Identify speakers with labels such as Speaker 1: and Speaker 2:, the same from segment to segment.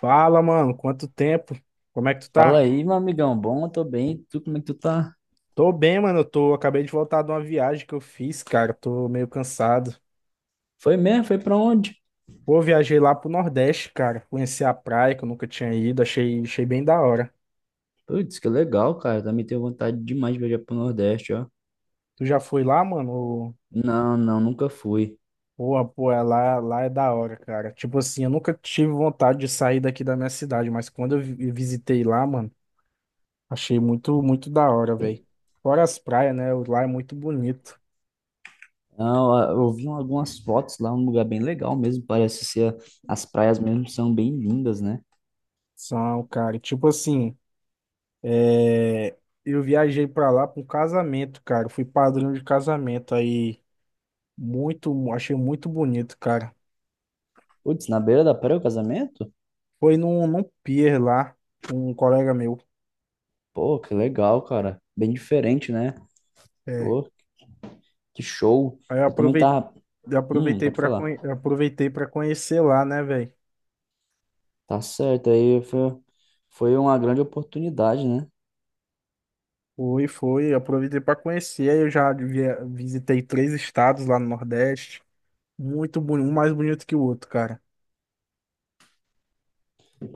Speaker 1: Fala, mano, quanto tempo? Como é que tu
Speaker 2: Fala
Speaker 1: tá?
Speaker 2: aí, meu amigão. Bom, eu tô bem. Tu, como é que tu tá?
Speaker 1: Tô bem, mano, acabei de voltar de uma viagem que eu fiz, cara, tô meio cansado.
Speaker 2: Foi mesmo? Foi pra onde?
Speaker 1: Pô, viajei lá pro Nordeste, cara, conheci a praia que eu nunca tinha ido, achei bem da hora.
Speaker 2: Putz, que legal, cara. Eu também tenho vontade demais de viajar pro Nordeste, ó.
Speaker 1: Tu já foi lá, mano?
Speaker 2: Não, não, nunca fui.
Speaker 1: Pô, é lá é da hora, cara. Tipo assim, eu nunca tive vontade de sair daqui da minha cidade, mas quando eu visitei lá, mano, achei muito da hora, velho. Fora as praias, né? Lá é muito bonito.
Speaker 2: Não, eu vi algumas fotos lá, um lugar bem legal mesmo. Parece ser as praias mesmo são bem lindas, né?
Speaker 1: São, cara, e tipo assim. É, eu viajei pra lá para um casamento, cara. Fui padrinho de casamento aí. Achei muito bonito, cara.
Speaker 2: Putz, na beira da praia o casamento?
Speaker 1: Foi num pier lá, com um colega meu.
Speaker 2: Pô, que legal, cara. Bem diferente, né?
Speaker 1: É.
Speaker 2: Pô, que show.
Speaker 1: Aí eu
Speaker 2: Eu também
Speaker 1: aproveitei,
Speaker 2: tava.
Speaker 1: aproveitei
Speaker 2: Pode
Speaker 1: para
Speaker 2: falar.
Speaker 1: aproveitei para conhecer lá, né, velho?
Speaker 2: Tá certo, aí foi uma grande oportunidade, né?
Speaker 1: Foi, aproveitei para conhecer. Aí eu já visitei três estados lá no Nordeste. Muito bonito, um mais bonito que o outro, cara.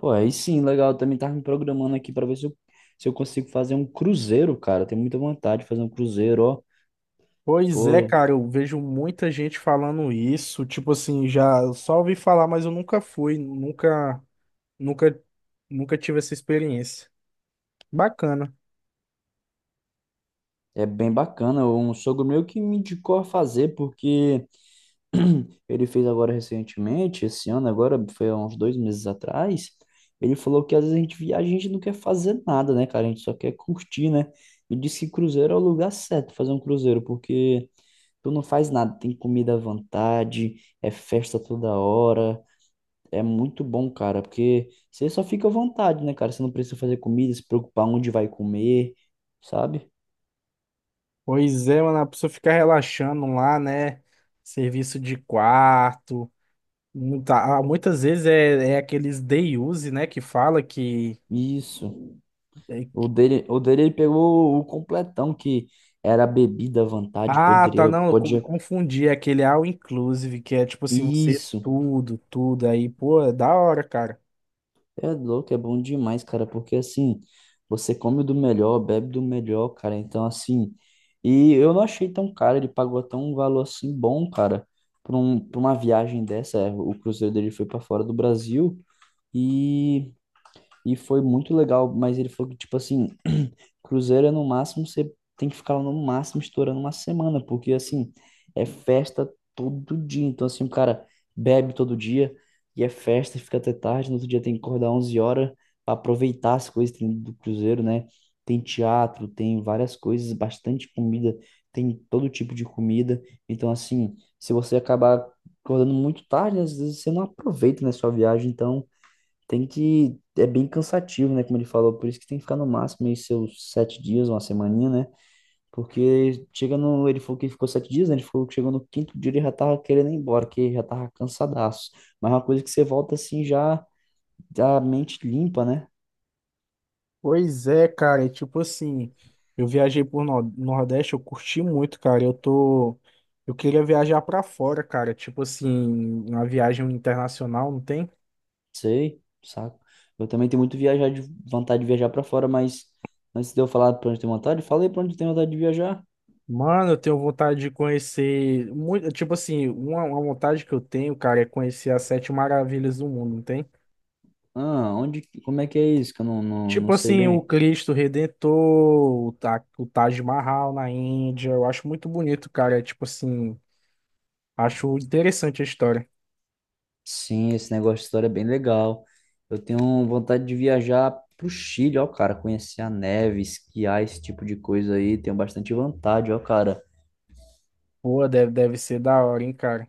Speaker 2: Pô, aí sim, legal. Eu também tava me programando aqui pra ver se eu consigo fazer um cruzeiro, cara. Eu tenho muita vontade de fazer um cruzeiro, ó.
Speaker 1: Pois é,
Speaker 2: Pô,
Speaker 1: cara, eu vejo muita gente falando isso, tipo assim, já eu só ouvi falar, mas eu nunca fui, nunca, nunca, nunca tive essa experiência. Bacana.
Speaker 2: é bem bacana. Um sogro meu que me indicou a fazer, porque ele fez agora recentemente, esse ano, agora foi há uns 2 meses atrás. Ele falou que às vezes a gente viaja, a gente não quer fazer nada, né, cara? A gente só quer curtir, né? E disse que cruzeiro é o lugar certo fazer um cruzeiro, porque tu não faz nada, tem comida à vontade, é festa toda hora. É muito bom, cara, porque você só fica à vontade, né, cara? Você não precisa fazer comida, se preocupar onde vai comer, sabe?
Speaker 1: Pois é, mano, a pessoa fica relaxando lá, né? Serviço de quarto. Muitas vezes é aqueles day use, né? Que fala que.
Speaker 2: Isso.
Speaker 1: é-
Speaker 2: O dele ele pegou o completão que era bebida à vontade,
Speaker 1: tá,
Speaker 2: poderia,
Speaker 1: não, eu
Speaker 2: podia.
Speaker 1: confundi. É aquele all inclusive, que é tipo assim, você é
Speaker 2: Isso.
Speaker 1: tudo aí. Pô, é da hora, cara.
Speaker 2: É louco, é bom demais, cara, porque assim, você come do melhor, bebe do melhor, cara. Então, assim, e eu não achei tão caro, ele pagou até um valor assim bom, cara, pra uma viagem dessa. É, o cruzeiro dele foi pra fora do Brasil. E E foi muito legal, mas ele falou que, tipo assim, cruzeiro é no máximo, você tem que ficar lá no máximo estourando uma semana, porque, assim, é festa todo dia. Então, assim, o cara bebe todo dia e é festa, fica até tarde. No outro dia tem que acordar 11 horas para aproveitar as coisas que tem do cruzeiro, né? Tem teatro, tem várias coisas, bastante comida, tem todo tipo de comida. Então, assim, se você acabar acordando muito tarde, às vezes você não aproveita, né, sua viagem. Então, tem que. É bem cansativo, né? Como ele falou, por isso que tem que ficar no máximo aí seus 7 dias, uma semaninha, né? Porque chega no. Ele falou que ficou 7 dias, né? Ele falou que chegou no quinto dia ele já tava querendo ir embora, que já tava cansadaço. Mas é uma coisa que você volta assim já da mente limpa, né?
Speaker 1: Pois é, cara, e tipo assim, eu viajei por Nordeste, eu curti muito, cara. Eu queria viajar pra fora, cara, tipo assim, uma viagem internacional, não tem?
Speaker 2: Sei, saco. Eu também tenho muito viajar de vontade de viajar pra fora, mas antes de eu falar pra onde tem vontade, falei pra onde tem vontade de viajar.
Speaker 1: Mano, eu tenho vontade de conhecer muito, tipo assim, uma vontade que eu tenho, cara, é conhecer as sete maravilhas do mundo, não tem?
Speaker 2: Ah, onde. Como é que é isso? Que eu não, não,
Speaker 1: Tipo
Speaker 2: não sei
Speaker 1: assim, o
Speaker 2: bem.
Speaker 1: Cristo Redentor, o, Ta- o Taj Mahal na Índia, eu acho muito bonito, cara. É tipo assim, acho interessante a história.
Speaker 2: Sim, esse negócio de história é bem legal. Eu tenho vontade de viajar pro Chile, ó, cara, conhecer a neve, esquiar, esse tipo de coisa aí. Tenho bastante vontade, ó, cara.
Speaker 1: Pô, deve ser da hora, hein, cara.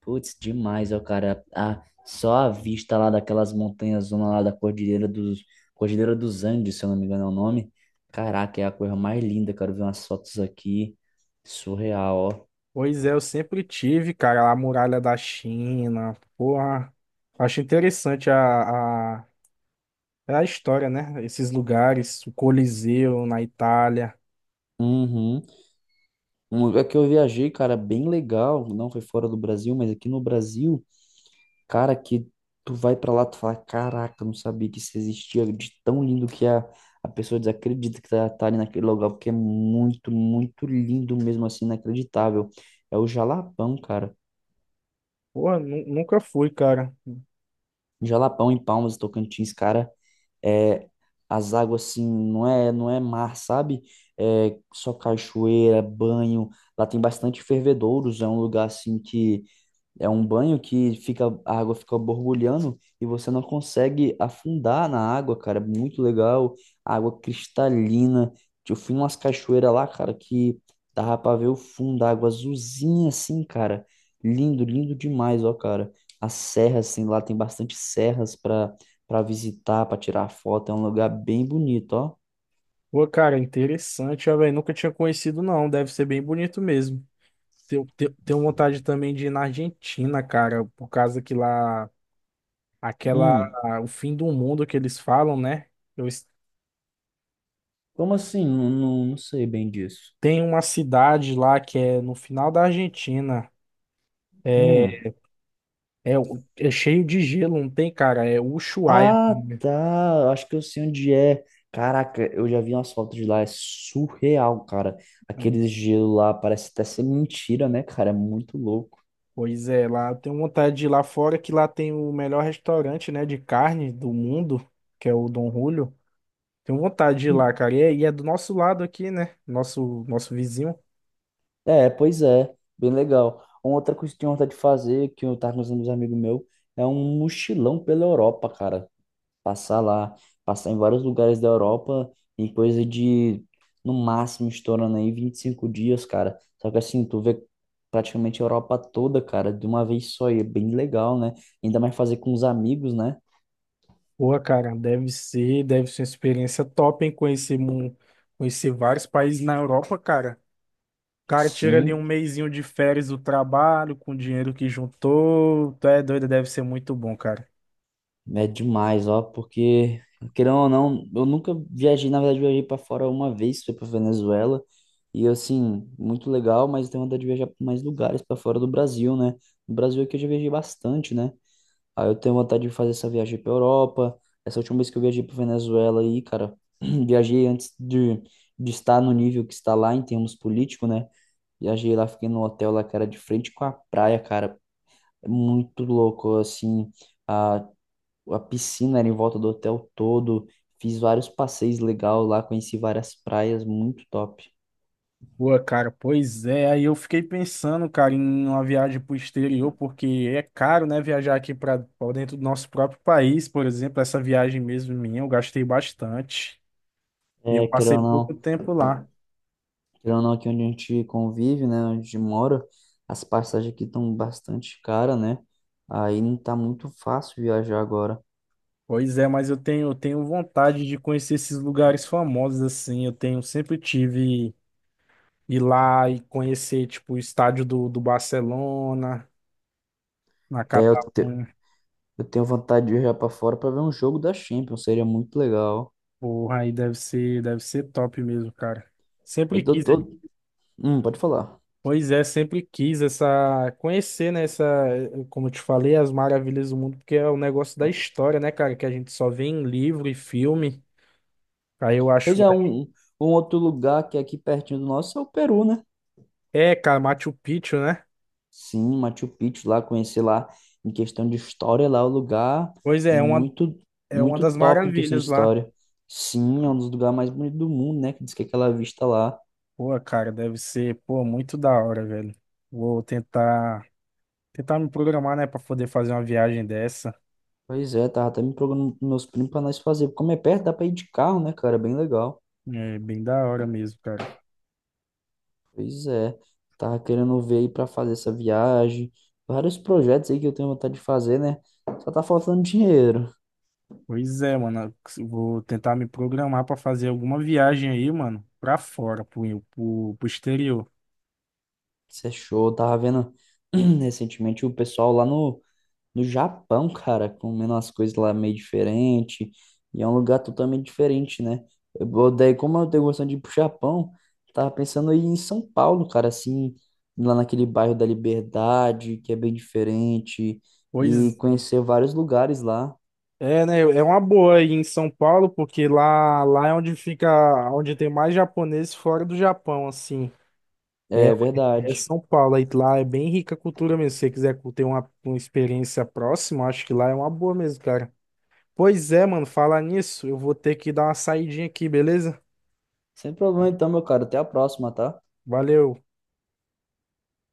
Speaker 2: Putz, demais, ó, cara. Ah, só a vista lá daquelas montanhas, zona lá da Cordilheira dos Andes, se eu não me engano é o nome. Caraca, é a coisa mais linda, cara. Ver umas fotos aqui. Surreal, ó.
Speaker 1: Pois é, eu sempre tive, cara, a muralha da China. Porra, acho interessante é a história, né? Esses lugares, o Coliseu na Itália.
Speaker 2: Uhum. Um lugar que eu viajei, cara, bem legal. Não foi fora do Brasil, mas aqui no Brasil. Cara, que tu vai pra lá, tu fala, caraca, eu não sabia que isso existia, de tão lindo que a pessoa desacredita que tá ali naquele lugar, porque é muito, muito lindo mesmo assim, inacreditável. É o Jalapão, cara.
Speaker 1: Porra, nunca fui, cara.
Speaker 2: Jalapão em Palmas, Tocantins, cara, é as águas assim, não é mar, sabe? É só cachoeira, banho. Lá tem bastante fervedouros, é um lugar assim que é um banho que fica, a água fica borbulhando e você não consegue afundar na água, cara. é muito legal. Água cristalina. Eu fui em umas cachoeiras lá, cara, que dava pra ver o fundo da água azulzinha assim, cara. Lindo, lindo demais, ó, cara. A serra, assim, lá tem bastante serras pra, visitar, pra tirar foto. É um lugar bem bonito, ó.
Speaker 1: Pô, cara, interessante, ó, velho. Nunca tinha conhecido, não. Deve ser bem bonito mesmo. Tenho vontade também de ir na Argentina, cara, por causa que lá, aquela,
Speaker 2: Hum,
Speaker 1: o fim do mundo que eles falam, né? Eu, es-
Speaker 2: como assim? Não, não, não sei bem disso.
Speaker 1: tem uma cidade lá que é no final da Argentina. É,
Speaker 2: Hum.
Speaker 1: É cheio de gelo, não tem, cara? É Ushuaia o
Speaker 2: Ah,
Speaker 1: nome.
Speaker 2: tá. eu acho que eu sei onde é. Caraca, eu já vi umas fotos de lá. É surreal, cara.
Speaker 1: É.
Speaker 2: Aquele gelo lá parece até ser mentira, né, cara? É muito louco.
Speaker 1: Pois é, lá eu tenho vontade de ir lá fora, que lá tem o melhor restaurante, né, de carne do mundo, que é o Dom Julio. Tenho vontade de ir
Speaker 2: Hum,
Speaker 1: lá, cara. E é do nosso lado aqui, né? Nosso vizinho.
Speaker 2: É, pois é. Bem legal. Uma outra coisa que eu tenho vontade de fazer, que eu tava com os amigos meus, é um mochilão pela Europa, cara. Passar lá, passar em vários lugares da Europa em coisa de, no máximo, estourando aí 25 dias, cara. Só que assim, tu vê praticamente a Europa toda, cara, de uma vez só, e é bem legal, né? Ainda mais fazer com os amigos, né?
Speaker 1: Boa, cara, deve ser uma experiência top, hein? Conhecer vários países na Europa, cara. O cara tira ali
Speaker 2: Sim,
Speaker 1: um mesinho de férias do trabalho, com o dinheiro que juntou. Tu é doido, deve ser muito bom, cara.
Speaker 2: é demais, ó, porque, querendo ou não, eu nunca viajei, na verdade, eu viajei pra fora uma vez, foi pra Venezuela, e assim, muito legal, mas eu tenho vontade de viajar pra mais lugares pra fora do Brasil, né? No Brasil aqui eu já viajei bastante, né? Aí eu tenho vontade de fazer essa viagem para Europa. Essa última vez que eu viajei para Venezuela aí, cara, viajei antes de estar no nível que está lá em termos políticos, né? Viajei lá, fiquei no hotel lá, cara, de frente com a praia, cara. É muito louco, assim. A, a piscina era em volta do hotel todo. Fiz vários passeios legais lá, conheci várias praias, muito top.
Speaker 1: Pô, cara, pois é. Aí eu fiquei pensando, cara, em uma viagem pro exterior, porque é caro, né, viajar aqui para dentro do nosso próprio país, por exemplo, essa viagem mesmo minha, eu gastei bastante. E eu
Speaker 2: É, querendo
Speaker 1: passei
Speaker 2: ou
Speaker 1: pouco
Speaker 2: não.
Speaker 1: tempo lá.
Speaker 2: Querendo ou não, aqui onde a gente convive, né, onde a gente mora, as passagens aqui estão bastante caras, né? Aí não tá muito fácil viajar agora.
Speaker 1: Pois é, mas eu tenho vontade de conhecer esses lugares famosos, assim. Eu tenho, sempre tive ir lá e conhecer, tipo, o estádio do Barcelona, na
Speaker 2: É,
Speaker 1: Catalunha.
Speaker 2: eu tenho vontade de viajar pra fora pra ver um jogo da Champions, seria muito legal.
Speaker 1: Porra, deve ser top mesmo, cara.
Speaker 2: Eu
Speaker 1: Sempre
Speaker 2: tô,
Speaker 1: quis.
Speaker 2: tô... Pode falar.
Speaker 1: Pois é, sempre quis essa conhecer, né, essa, como eu te falei, as maravilhas do mundo, porque é um negócio da história, né, cara, que a gente só vê em livro e filme. Aí eu acho,
Speaker 2: Pois é, um outro lugar que é aqui pertinho do nosso é o Peru, né?
Speaker 1: é, cara, Machu Picchu, né?
Speaker 2: Sim, Machu Picchu lá, conhecer lá, em questão de história, lá é um lugar
Speaker 1: Pois é,
Speaker 2: muito,
Speaker 1: é uma
Speaker 2: muito
Speaker 1: das
Speaker 2: top em questão de
Speaker 1: maravilhas lá.
Speaker 2: história. Sim, é um dos lugares mais bonitos do mundo, né? Que diz que é aquela vista lá.
Speaker 1: Pô, cara, deve ser, pô, muito da hora, velho. Vou tentar tentar me programar, né, pra poder fazer uma viagem dessa.
Speaker 2: Pois é, tava até me programando com meus primos pra nós fazer. Como é perto, dá pra ir de carro, né, cara? é bem legal.
Speaker 1: É bem da hora mesmo, cara.
Speaker 2: Pois é, tava querendo ver aí pra fazer essa viagem. Vários projetos aí que eu tenho vontade de fazer, né? Só tá faltando dinheiro.
Speaker 1: Pois é, mano. Eu vou tentar me programar pra fazer alguma viagem aí, mano, pra fora, pro exterior.
Speaker 2: Isso é show. Eu tava vendo recentemente o pessoal lá no Japão, cara, comendo umas coisas lá meio diferente, e é um lugar totalmente diferente, né? Eu, daí, como eu tenho gostando de ir pro Japão, tava pensando em ir em São Paulo, cara, assim, lá naquele bairro da Liberdade, que é bem diferente, e
Speaker 1: Pois
Speaker 2: conhecer vários lugares lá.
Speaker 1: é, né? É uma boa aí em São Paulo, porque lá é onde fica, onde tem mais japonês fora do Japão, assim. É,
Speaker 2: É
Speaker 1: é
Speaker 2: verdade.
Speaker 1: São Paulo, aí lá é bem rica a cultura mesmo. Se você quiser ter uma experiência próxima, acho que lá é uma boa mesmo, cara. Pois é, mano, falar nisso, eu vou ter que dar uma saidinha aqui, beleza?
Speaker 2: Sem problema então, meu cara. Até a próxima, tá?
Speaker 1: Valeu.